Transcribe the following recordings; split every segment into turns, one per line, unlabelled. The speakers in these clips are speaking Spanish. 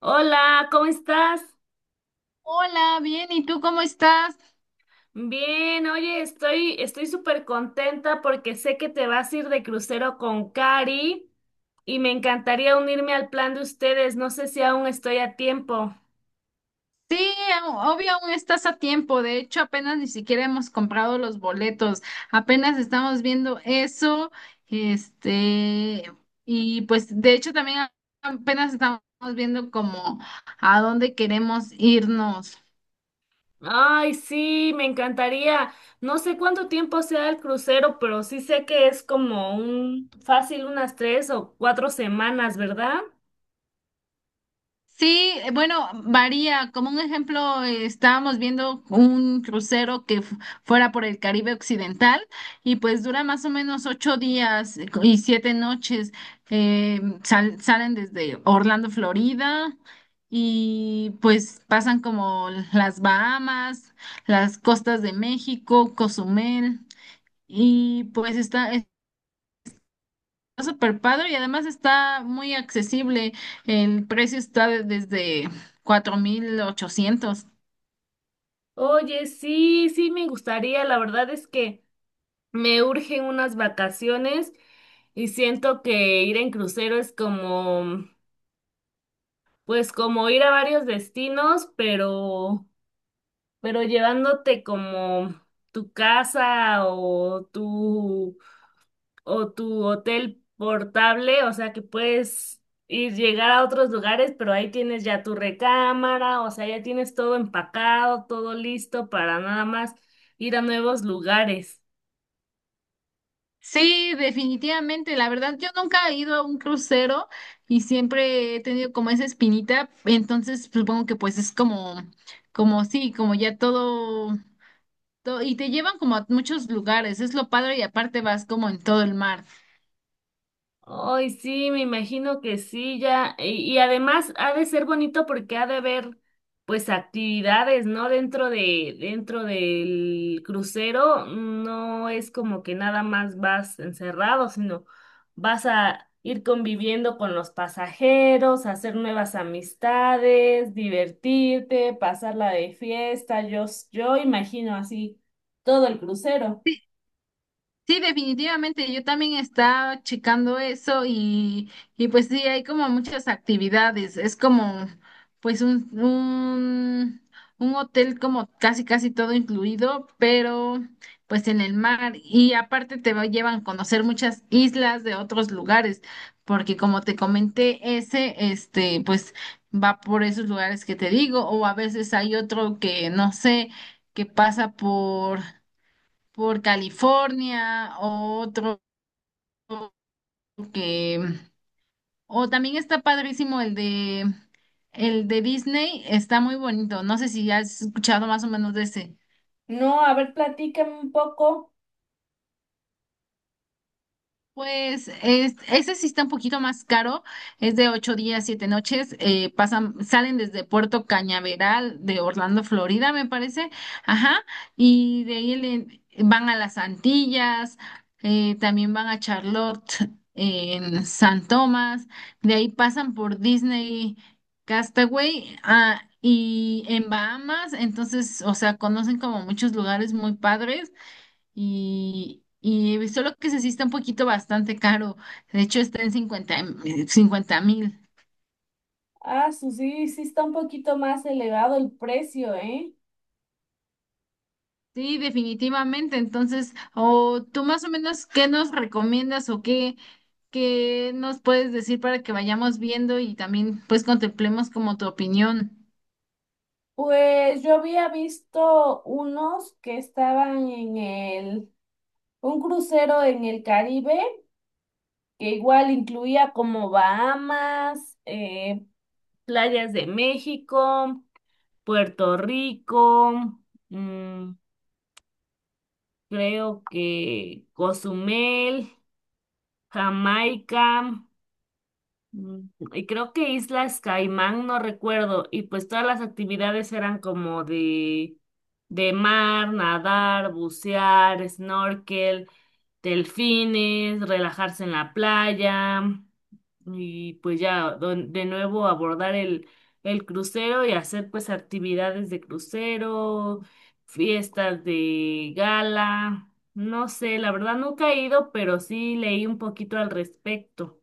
Hola, ¿cómo estás?
Hola, bien, ¿y tú cómo estás?
Bien, oye, estoy súper contenta porque sé que te vas a ir de crucero con Cari y me encantaría unirme al plan de ustedes. No sé si aún estoy a tiempo.
Sí, obvio, aún estás a tiempo. De hecho, apenas ni siquiera hemos comprado los boletos. Apenas estamos viendo eso. Este, y pues de hecho también apenas estamos viendo como a dónde queremos irnos.
Ay, sí, me encantaría. No sé cuánto tiempo sea el crucero, pero sí sé que es como un fácil unas 3 o 4 semanas, ¿verdad?
Sí, bueno, varía. Como un ejemplo, estábamos viendo un crucero que fuera por el Caribe Occidental y pues dura más o menos 8 días y 7 noches. Salen desde Orlando, Florida y pues pasan como las Bahamas, las costas de México, Cozumel y pues está súper padre y además está muy accesible. El precio está desde 4,800.
Oye, sí, sí, me gustaría. La verdad es que me urgen unas vacaciones y siento que ir en crucero es como, pues como ir a varios destinos, pero llevándote como tu casa o tu hotel portable, o sea que puedes ir llegar a otros lugares, pero ahí tienes ya tu recámara, o sea, ya tienes todo empacado, todo listo para nada más ir a nuevos lugares.
Sí, definitivamente. La verdad, yo nunca he ido a un crucero y siempre he tenido como esa espinita. Entonces, supongo que pues es como sí, como ya todo, todo, y te llevan como a muchos lugares. Es lo padre y aparte vas como en todo el mar.
Ay, sí, me imagino que sí, ya. Y además ha de ser bonito porque ha de haber, pues, actividades, ¿no? Dentro de, dentro del crucero, no es como que nada más vas encerrado, sino vas a ir conviviendo con los pasajeros, hacer nuevas amistades, divertirte, pasarla de fiesta. Yo, s- yo imagino así todo el crucero.
Sí, definitivamente, yo también estaba checando eso y pues sí, hay como muchas actividades, es como pues un hotel como casi casi todo incluido, pero pues en el mar y aparte llevan a conocer muchas islas de otros lugares, porque como te comenté, ese pues va por esos lugares que te digo o a veces hay otro que no sé, que pasa por California, que, o también está padrísimo el de Disney, está muy bonito, no sé si has escuchado más o menos de ese.
No, a ver, platícame un poco.
Pues ese sí está un poquito más caro, es de 8 días, 7 noches, salen desde Puerto Cañaveral de Orlando, Florida, me parece, ajá, y de ahí van a las Antillas, también van a Charlotte, en San Tomás, de ahí pasan por Disney Castaway, y en Bahamas, entonces, o sea, conocen como muchos lugares muy padres. Y solo que se sí está un poquito bastante caro. De hecho, está en 50,000.
Ah, su- sí, sí está un poquito más elevado el precio, ¿eh?
Sí, definitivamente. Entonces, o tú más o menos, ¿qué nos recomiendas o qué nos puedes decir para que vayamos viendo y también pues contemplemos como tu opinión?
Pues yo había visto unos que estaban en el, un crucero en el Caribe, que igual incluía como Bahamas, playas de México, Puerto Rico, mm, creo que Cozumel, Jamaica. Mm, Y creo que Islas Caimán, no recuerdo, y pues todas las actividades eran como de mar, nadar, bucear, snorkel, delfines, relajarse en la playa, y pues ya don- de nuevo abordar el crucero y hacer pues actividades de crucero, fiestas de gala, no sé, la verdad nunca he ido, pero sí leí un poquito al respecto.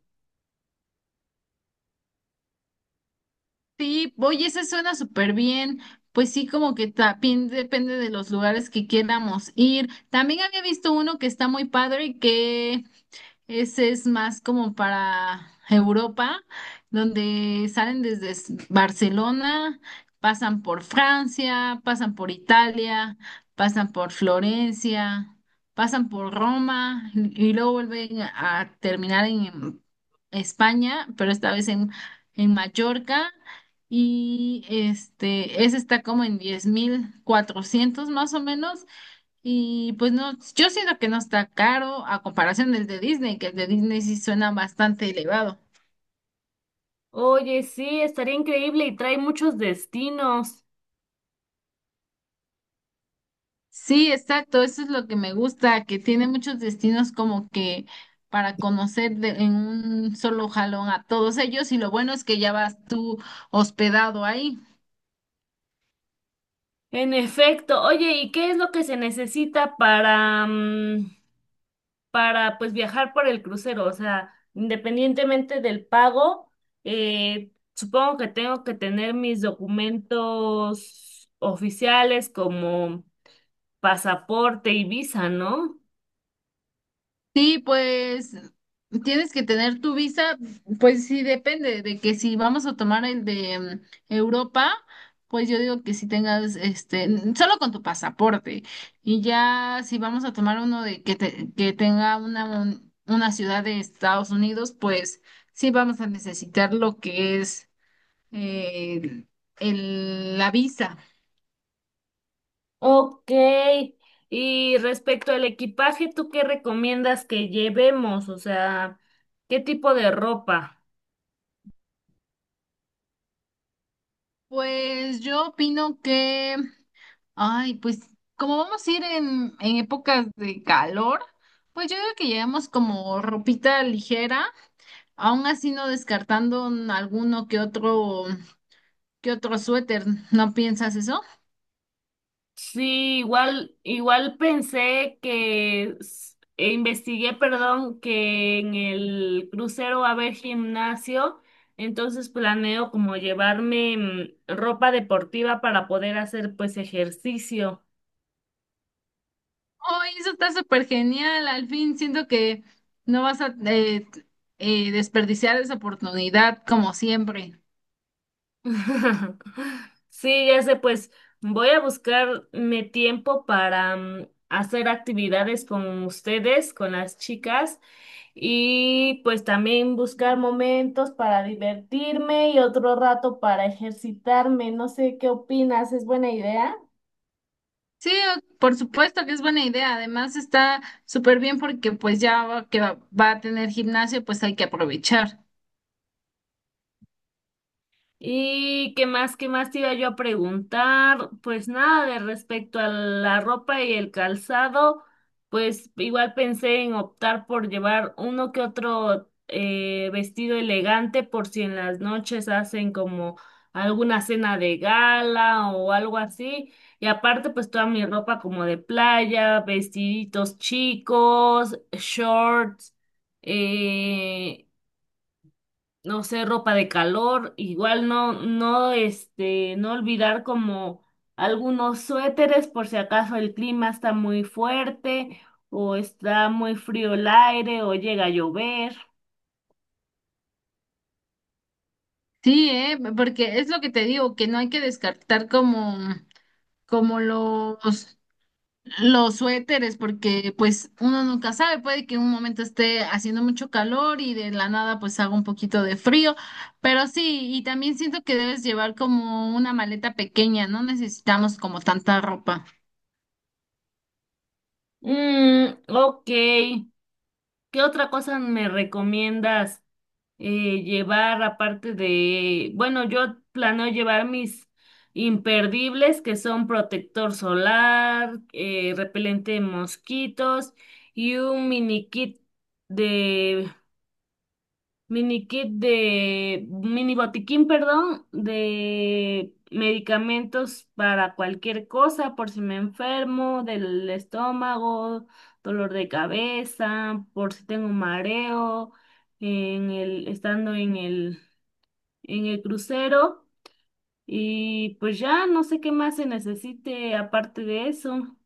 Sí, oye, esa suena súper bien. Pues sí, como que también depende de los lugares que queramos ir. También había visto uno que está muy padre. Que Ese es más como para Europa, donde salen desde Barcelona, pasan por Francia, pasan por Italia, pasan por Florencia, pasan por Roma y luego vuelven a terminar en España, pero esta vez en Mallorca. Y ese está como en 10,400 más o menos. Y pues no, yo siento que no está caro a comparación del de Disney, que el de Disney sí suena bastante elevado.
Oye, sí, estaría increíble y trae muchos destinos.
Sí, exacto, eso es lo que me gusta, que tiene muchos destinos como que para conocer en un solo jalón a todos ellos y lo bueno es que ya vas tú hospedado ahí.
En efecto. Oye, ¿y qué es lo que se necesita para, para pues viajar por el crucero? O sea, independientemente del pago, supongo que tengo que tener mis documentos oficiales como pasaporte y visa, ¿no?
Sí, pues tienes que tener tu visa, pues sí depende de que si vamos a tomar el de Europa, pues yo digo que si tengas solo con tu pasaporte y ya si vamos a tomar uno de que tenga una ciudad de Estados Unidos, pues sí vamos a necesitar lo que es eh, la visa.
Ok. Y respecto al equipaje, ¿tú qué recomiendas que llevemos? O sea, ¿qué tipo de ropa?
Pues yo opino que Ay, pues como vamos a ir en épocas de calor, pues yo creo que llevemos como ropita ligera, aún así no descartando alguno que otro suéter, ¿no piensas eso?
Sí, igual, igual pensé que s- e investigué, perdón, que en el crucero va a haber gimnasio, entonces planeo como llevarme ropa deportiva para poder hacer pues ejercicio.
Ay, eso está súper genial, al fin siento que no vas a desperdiciar esa oportunidad como siempre.
Sí, ya sé, pues voy a buscarme tiempo para hacer actividades con ustedes, con las chicas, y pues también buscar momentos para divertirme y otro rato para ejercitarme. No sé qué opinas, ¿es buena idea?
Sí, por supuesto que es buena idea, además está súper bien porque pues ya va- que va a tener gimnasio, pues hay que aprovechar.
¿Y qué más te iba yo a preguntar? Pues nada, de respecto a la ropa y el calzado, pues igual pensé en optar por llevar uno que otro vestido elegante por si en las noches hacen como alguna cena de gala o algo así. Y aparte, pues toda mi ropa como de playa, vestiditos chicos, shorts. eh, no sé, ropa de calor, igual no, no, este, no olvidar como algunos suéteres por si acaso el clima está muy fuerte o está muy frío el aire o llega a llover.
Sí, porque es lo que te digo, que no hay que descartar como los suéteres, porque pues uno nunca sabe, puede que en un momento esté haciendo mucho calor y de la nada pues haga un poquito de frío, pero sí, y también siento que debes llevar como una maleta pequeña, no necesitamos como tanta ropa.
Ok, ¿qué otra cosa me recomiendas? Llevar aparte de, bueno, yo planeo llevar mis imperdibles que son protector solar, repelente de mosquitos y un mini kit de, mini kit de, mini botiquín, perdón, de medicamentos para cualquier cosa, por si me enfermo del estómago, dolor de cabeza, por si tengo mareo en el, estando en el crucero y pues ya no sé qué más se necesite aparte de eso.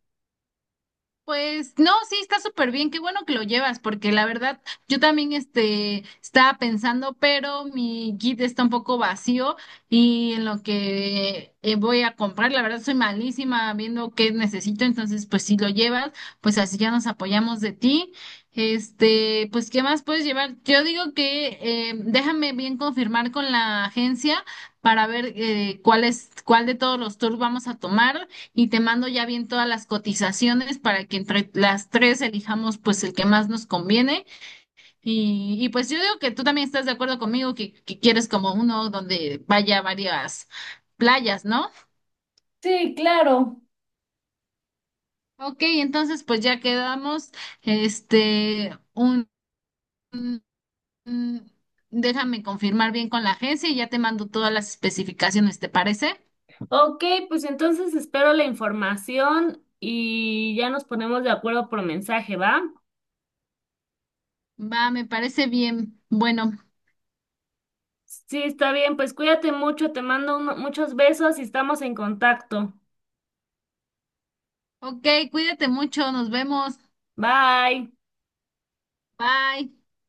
Pues no, sí, está súper bien, qué bueno que lo llevas, porque la verdad yo también estaba pensando, pero mi kit está un poco vacío y en lo que voy a comprar, la verdad soy malísima viendo qué necesito, entonces pues si lo llevas, pues así ya nos apoyamos de ti. Pues ¿qué más puedes llevar? Yo digo que déjame bien confirmar con la agencia para ver cuál de todos los tours vamos a tomar y te mando ya bien todas las cotizaciones para que entre las tres elijamos pues el que más nos conviene. Y pues yo digo que tú también estás de acuerdo conmigo que quieres como uno donde vaya varias playas, ¿no?
Sí, claro.
Ok, entonces pues ya quedamos, este, un, un- déjame confirmar bien con la agencia y ya te mando todas las especificaciones, ¿te parece?
Ok, pues entonces espero la información y ya nos ponemos de acuerdo por mensaje, ¿va?
Va, me parece bien. Bueno,
Sí, está bien, pues cuídate mucho, te mando uno- muchos besos y estamos en contacto.
ok, cuídate mucho, nos vemos.
Bye.
Bye.